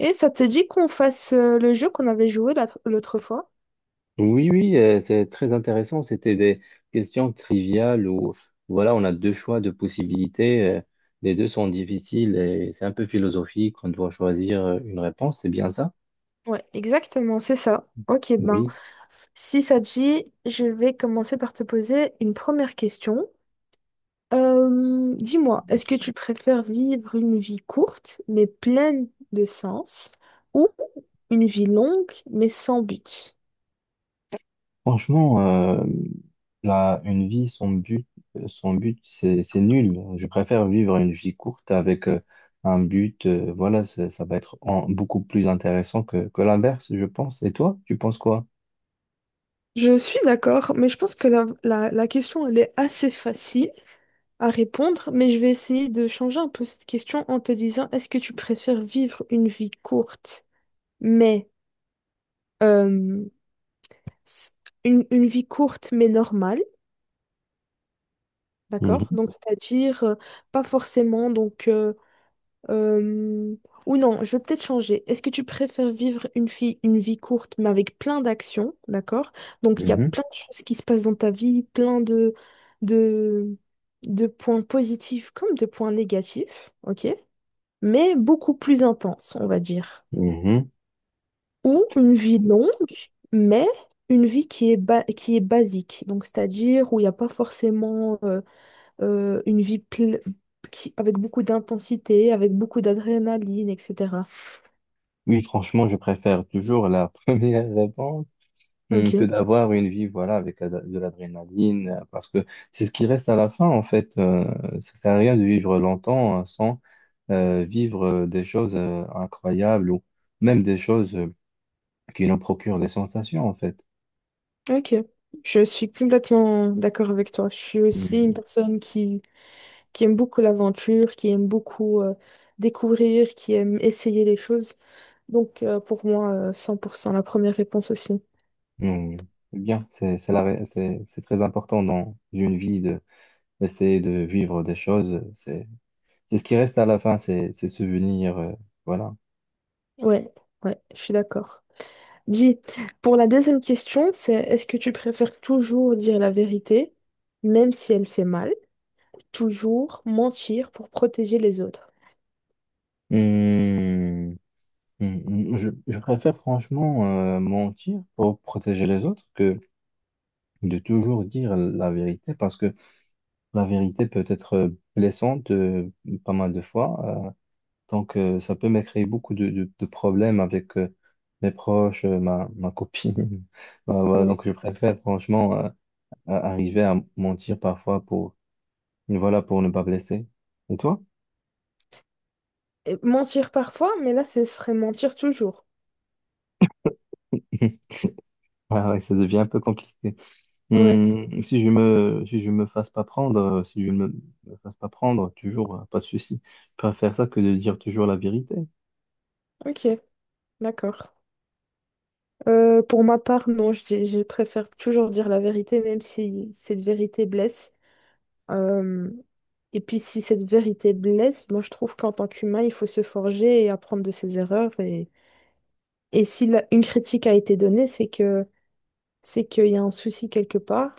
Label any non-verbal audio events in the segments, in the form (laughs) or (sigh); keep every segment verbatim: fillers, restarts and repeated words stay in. Et ça te dit qu'on fasse euh, le jeu qu'on avait joué l'autre l'autre fois? Oui, oui, euh, c'est très intéressant. C'était des questions triviales où, voilà, on a deux choix de possibilités. euh, Les deux sont difficiles et c'est un peu philosophique. On doit choisir euh, une réponse. C'est bien ça? Ouais, exactement, c'est ça. Ok, ben, Oui. si ça te dit, je vais commencer par te poser une première question. Euh, dis-moi, est-ce que tu préfères vivre une vie courte mais pleine de sens ou une vie longue mais sans but? Franchement, euh, la, une vie sans but, euh, sans but, c'est, c'est nul. Je préfère vivre une vie courte avec euh, un but. Euh, voilà, ça, ça va être en- beaucoup plus intéressant que, que l'inverse, je pense. Et toi, tu penses quoi? Je suis d'accord, mais je pense que la, la, la question, elle est assez facile à répondre, mais je vais essayer de changer un peu cette question en te disant, est-ce que tu préfères vivre une vie courte, mais euh, s- une, une vie courte mais normale, d'accord? Mhm. Donc, c'est-à-dire euh, pas forcément donc euh, Euh, ou non, je vais peut-être changer. Est-ce que tu préfères vivre une vie, une vie courte, mais avec plein d'actions, d'accord? Donc, il y a Mhm. plein de choses qui se passent dans ta vie, plein de, de, de points positifs comme de points négatifs, ok? Mais beaucoup plus intense, on va dire. Mhm. Ou une vie longue, mais une vie qui est, ba- qui est basique. Donc, c'est-à-dire où il n'y a pas forcément euh, euh, une vie ple- qui- avec beaucoup d'intensité, avec beaucoup d'adrénaline, et cetera. Oui, franchement, je préfère toujours la (laughs) première réponse hum, que Ok, d'avoir une vie, voilà, avec la- de l'adrénaline, euh, parce que c'est ce qui reste à la fin, en fait. Euh, ça sert à rien de vivre longtemps euh, sans euh, vivre euh, des choses euh, incroyables ou même des choses euh, qui nous procurent des sensations, en fait. ok. Je suis complètement d'accord avec toi. Je suis aussi une Hum, personne qui, qui aime beaucoup l'aventure, qui aime beaucoup euh, découvrir, qui aime essayer les choses. Donc euh, pour moi, euh, cent pour cent la première réponse aussi. hum. Bien, c'est c'est la ré- c'est- c'est très important dans une vie de d'essayer de vivre des choses. C'est c'est ce qui reste à la fin, c'est ces souvenirs, euh, voilà. Ouais, ouais, je suis d'accord. Dis, pour la deuxième question, c'est est-ce que tu préfères toujours dire la vérité, même si elle fait mal, toujours mentir pour protéger les autres? Hum. Mm, mm, Je, je préfère franchement euh, mentir pour protéger les autres que de toujours dire la vérité parce que la vérité peut être euh, blessante euh, pas mal de fois. Euh, donc euh, ça peut me créer beaucoup de, de- de problèmes avec euh, mes proches, euh, ma, ma copine. (laughs) Bah, voilà, Ouais. donc je préfère franchement euh, à- arriver à mentir parfois pour, voilà, pour ne pas blesser. Et toi? Et mentir parfois, mais là, ce serait mentir toujours. Ah ouais, ça devient un peu compliqué. Ouais, Hum, si je me, si je me fasse pas prendre, euh, si je ne me, me fasse pas prendre, toujours, euh, pas de souci. Je préfère ça que de dire toujours la vérité. ok, d'accord. Euh, pour ma part, non, je, dis- je préfère toujours dire la vérité, même si cette vérité blesse. Euh, et puis, si cette vérité blesse, moi, je trouve qu'en tant qu'humain, il faut se forger et apprendre de ses erreurs. Et, et si la- une critique a été donnée, c'est que c'est qu'il y a un souci quelque part.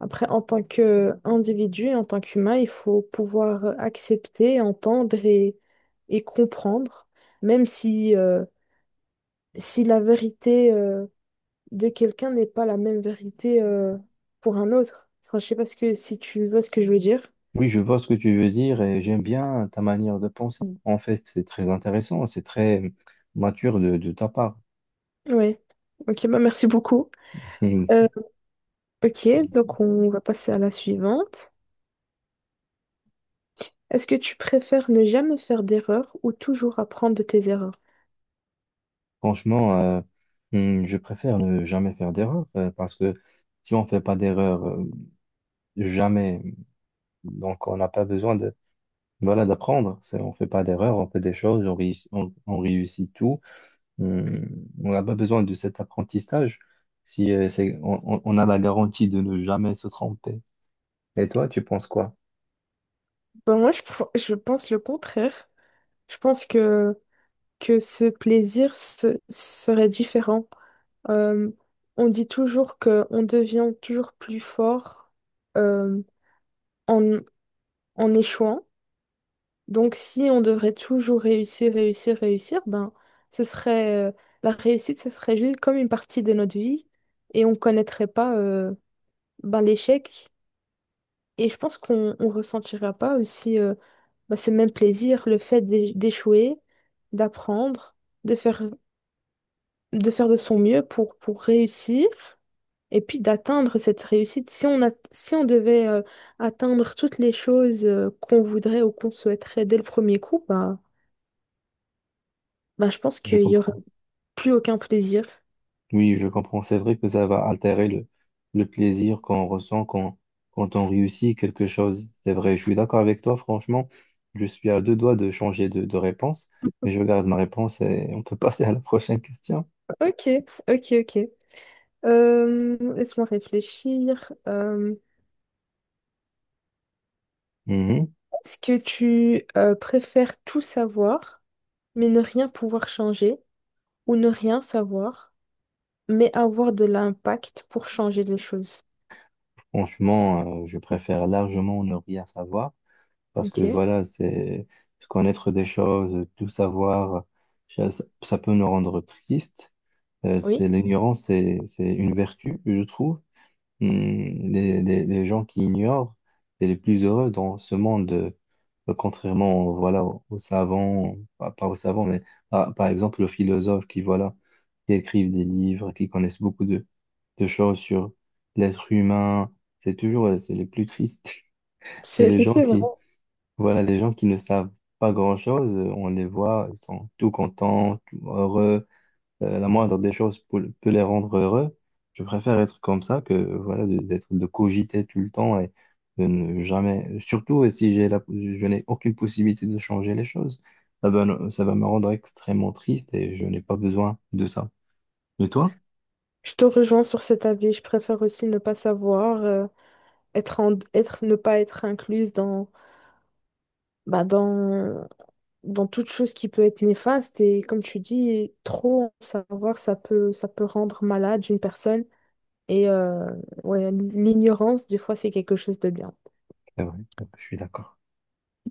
Après, en tant qu'individu, et en tant qu'humain, il faut pouvoir accepter, entendre et, et comprendre, même si, euh, si la vérité euh, de quelqu'un n'est pas la même vérité euh, pour un autre. Enfin, je sais pas ce que, si tu vois ce que je veux dire. Oui, je vois ce que tu veux dire et j'aime bien ta manière de penser. En fait, c'est très intéressant, c'est très mature de, de ta part. Ouais. Ok, bah merci beaucoup. Hum. Euh, ok, donc on va passer à la suivante. Est-ce que tu préfères ne jamais faire d'erreur ou toujours apprendre de tes erreurs? Franchement, euh, hum, je préfère ne jamais faire d'erreur euh, parce que si on fait pas d'erreur, euh, jamais, donc on n'a pas besoin de, voilà, d'apprendre. C'est- On fait pas d'erreur, on fait des choses, on, réussit- on on réussit tout. Euh, on n'a pas besoin de cet apprentissage si euh, c'est, on, on- on a la garantie de ne jamais se tromper. Et toi, tu penses quoi? Ben, moi, je, pr- je pense le contraire. Je pense que, que ce plaisir se- serait différent. Euh, on dit toujours qu'on devient toujours plus fort euh, en, en échouant. Donc, si on devrait toujours réussir, réussir, réussir, ben, ce serait, euh, la réussite, ce serait juste comme une partie de notre vie et on connaîtrait pas euh, ben, l'échec. Et je pense qu'on on ressentira pas aussi euh, bah, ce même plaisir, le fait d'é- d'échouer, d'apprendre, de faire, de faire de son mieux pour, pour réussir et puis d'atteindre cette réussite. Si on a, si on devait euh, atteindre toutes les choses euh, qu'on voudrait ou qu'on souhaiterait dès le premier coup, bah, bah, je pense Je qu'il n'y aurait comprends. plus aucun plaisir. Oui, je comprends. C'est vrai que ça va altérer le, le plaisir qu'on ressent quand, quand on réussit quelque chose. C'est vrai, je suis d'accord avec toi, franchement. Je suis à deux doigts de changer de, de réponse, mais je garde ma réponse et on peut (laughs) passer à la prochaine question. Ok, ok, ok. Euh, laisse-moi réfléchir. Euh, Mhm. Est-ce que tu euh, préfères tout savoir, mais ne rien pouvoir changer, ou ne rien savoir, mais avoir de l'impact pour changer les choses. Franchement, euh, je préfère largement ne rien savoir. Parce que Ok, voilà, c'est se connaître des choses, tout savoir, ça, ça peut nous rendre tristes. Euh, oui, c'est l'ignorance, c'est, c'est une vertu, je trouve. Hmm, les, les- les gens qui ignorent, c'est les plus heureux dans ce monde. Euh, Contrairement, voilà, aux, aux savants, pas, pas aux savants, mais par, par exemple aux philosophes qui, voilà, qui écrivent des livres, qui connaissent beaucoup de, de choses sur l'être humain, c'est toujours, euh, c'est les plus tristes. (laughs) Et c'est les (laughs) gens c'est vrai. qui voilà, les gens qui ne savent pas grand-chose, euh, on les voit, ils sont tout contents, tout heureux. Euh, la moindre des choses peut, peut les rendre heureux. Je préfère être comme ça que voilà, de- d'être de cogiter tout le temps et de ne jamais. Surtout si j'ai la, je n'ai aucune possibilité de changer les choses, ça va, me- ça va me rendre extrêmement triste et je n'ai pas besoin de ça. Et toi? Je te rejoins sur cet avis. Je préfère aussi ne pas savoir, euh, être en- être, ne pas être incluse dans, bah, dans, dans toute chose qui peut être néfaste. Et comme tu dis, trop en savoir, ça peut, ça peut rendre malade une personne. Et euh, ouais, l'ignorance, des fois, c'est quelque chose de bien. C'est vrai, je suis d'accord.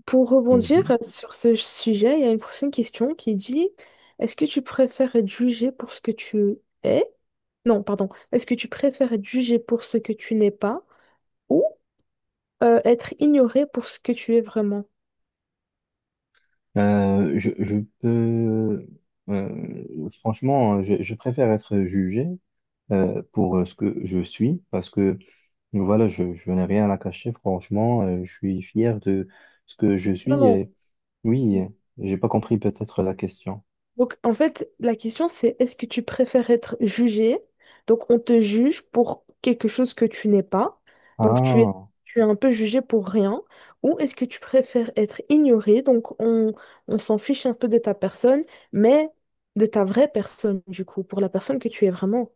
Pour rebondir Mhm. sur ce sujet, il y a une prochaine question qui dit, est-ce que tu préfères être jugé pour ce que tu es? Non, pardon. Est-ce que tu préfères être jugé pour ce que tu n'es pas ou euh, être ignoré pour ce que tu es vraiment? Euh, je, je peux, euh, franchement, je, je préfère être jugé euh, pour ce que je suis parce que voilà, je, je n'ai rien à cacher. Franchement, euh, je suis fier de ce que je Non, suis. non. Et oui, j'ai pas compris peut-être la question. Donc, en fait, la question, c'est est-ce que tu préfères être jugé? Donc, on te juge pour quelque chose que tu n'es pas. Donc, tu es, Ah. tu es un peu jugé pour rien. Ou est-ce que tu préfères être ignoré? Donc, on, on s'en fiche un peu de ta personne, mais de ta vraie personne, du coup, pour la personne que tu es vraiment.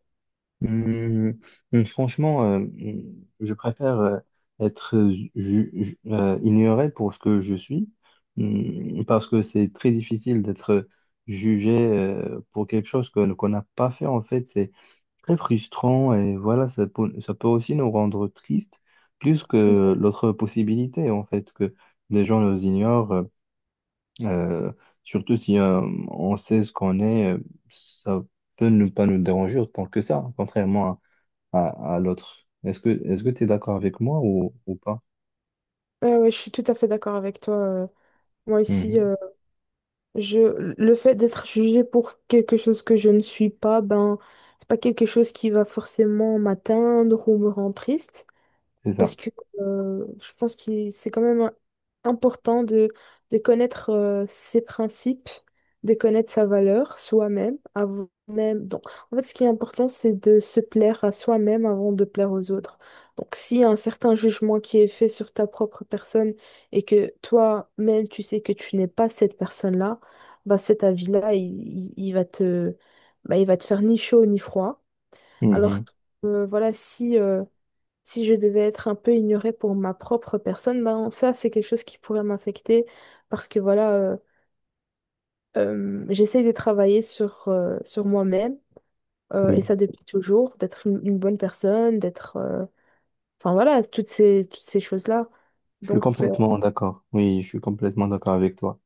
Hum, hum, franchement, euh, hum, je préfère euh, être ju- ju- euh, ignoré pour ce que je suis, hum, parce que c'est très difficile d'être jugé euh, pour quelque chose que- qu'on n'a pas fait. En fait, c'est très frustrant et voilà, ça peut, ça peut aussi nous rendre tristes plus Donc, que l'autre possibilité, en fait, que les gens nous ignorent, euh, euh, surtout si euh, on sait ce qu'on est, euh, ça peut ne pas nous déranger autant que ça, contrairement à à, à l'autre. Est-ce que est-ce que tu es d'accord avec moi ou, ou pas? euh, ouais, je suis tout à fait d'accord avec toi. Euh, moi ici Mhm. je, le fait d'être jugé pour quelque chose que je ne suis pas, ben, c'est pas quelque chose qui va forcément m'atteindre ou me rendre triste C'est ça. parce que euh, je pense que c'est quand même important de, de connaître euh, ses principes, de connaître sa valeur soi-même, avant même. Donc, en fait, ce qui est important, c'est de se plaire à soi-même avant de plaire aux autres. Donc, s'il y a un certain jugement qui est fait sur ta propre personne et que toi-même, tu sais que tu n'es pas cette personne-là, bah, cet avis-là, il, il- il va te, bah, il va te faire ni chaud ni froid. Alors Mhm. que, euh, voilà, si... euh, si je devais être un peu ignorée pour ma propre personne, ben ça, c'est quelque chose qui pourrait m'affecter parce que voilà, euh, euh, j'essaye de travailler sur, euh, sur moi-même euh, et Oui, ça depuis toujours, d'être une, une bonne personne, d'être... euh, enfin voilà, toutes ces, toutes ces choses-là. je suis Donc, euh, complètement d'accord. Oui, je suis complètement d'accord avec toi.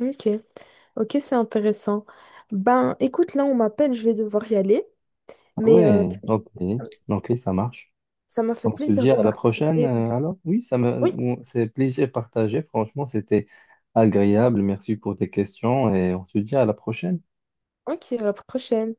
ok, ok, c'est intéressant. Ben écoute, là, on m'appelle, je vais devoir y aller, Ah mais euh, ouais, ok, ça ok, ça marche. ça m'a fait On se plaisir dit de à la prochaine, partager. euh, alors? Oui, ça me, Oui, ou- c'est plaisir partagé. Franchement, c'était agréable. Merci pour tes questions et on se dit à la prochaine. ok, à la prochaine.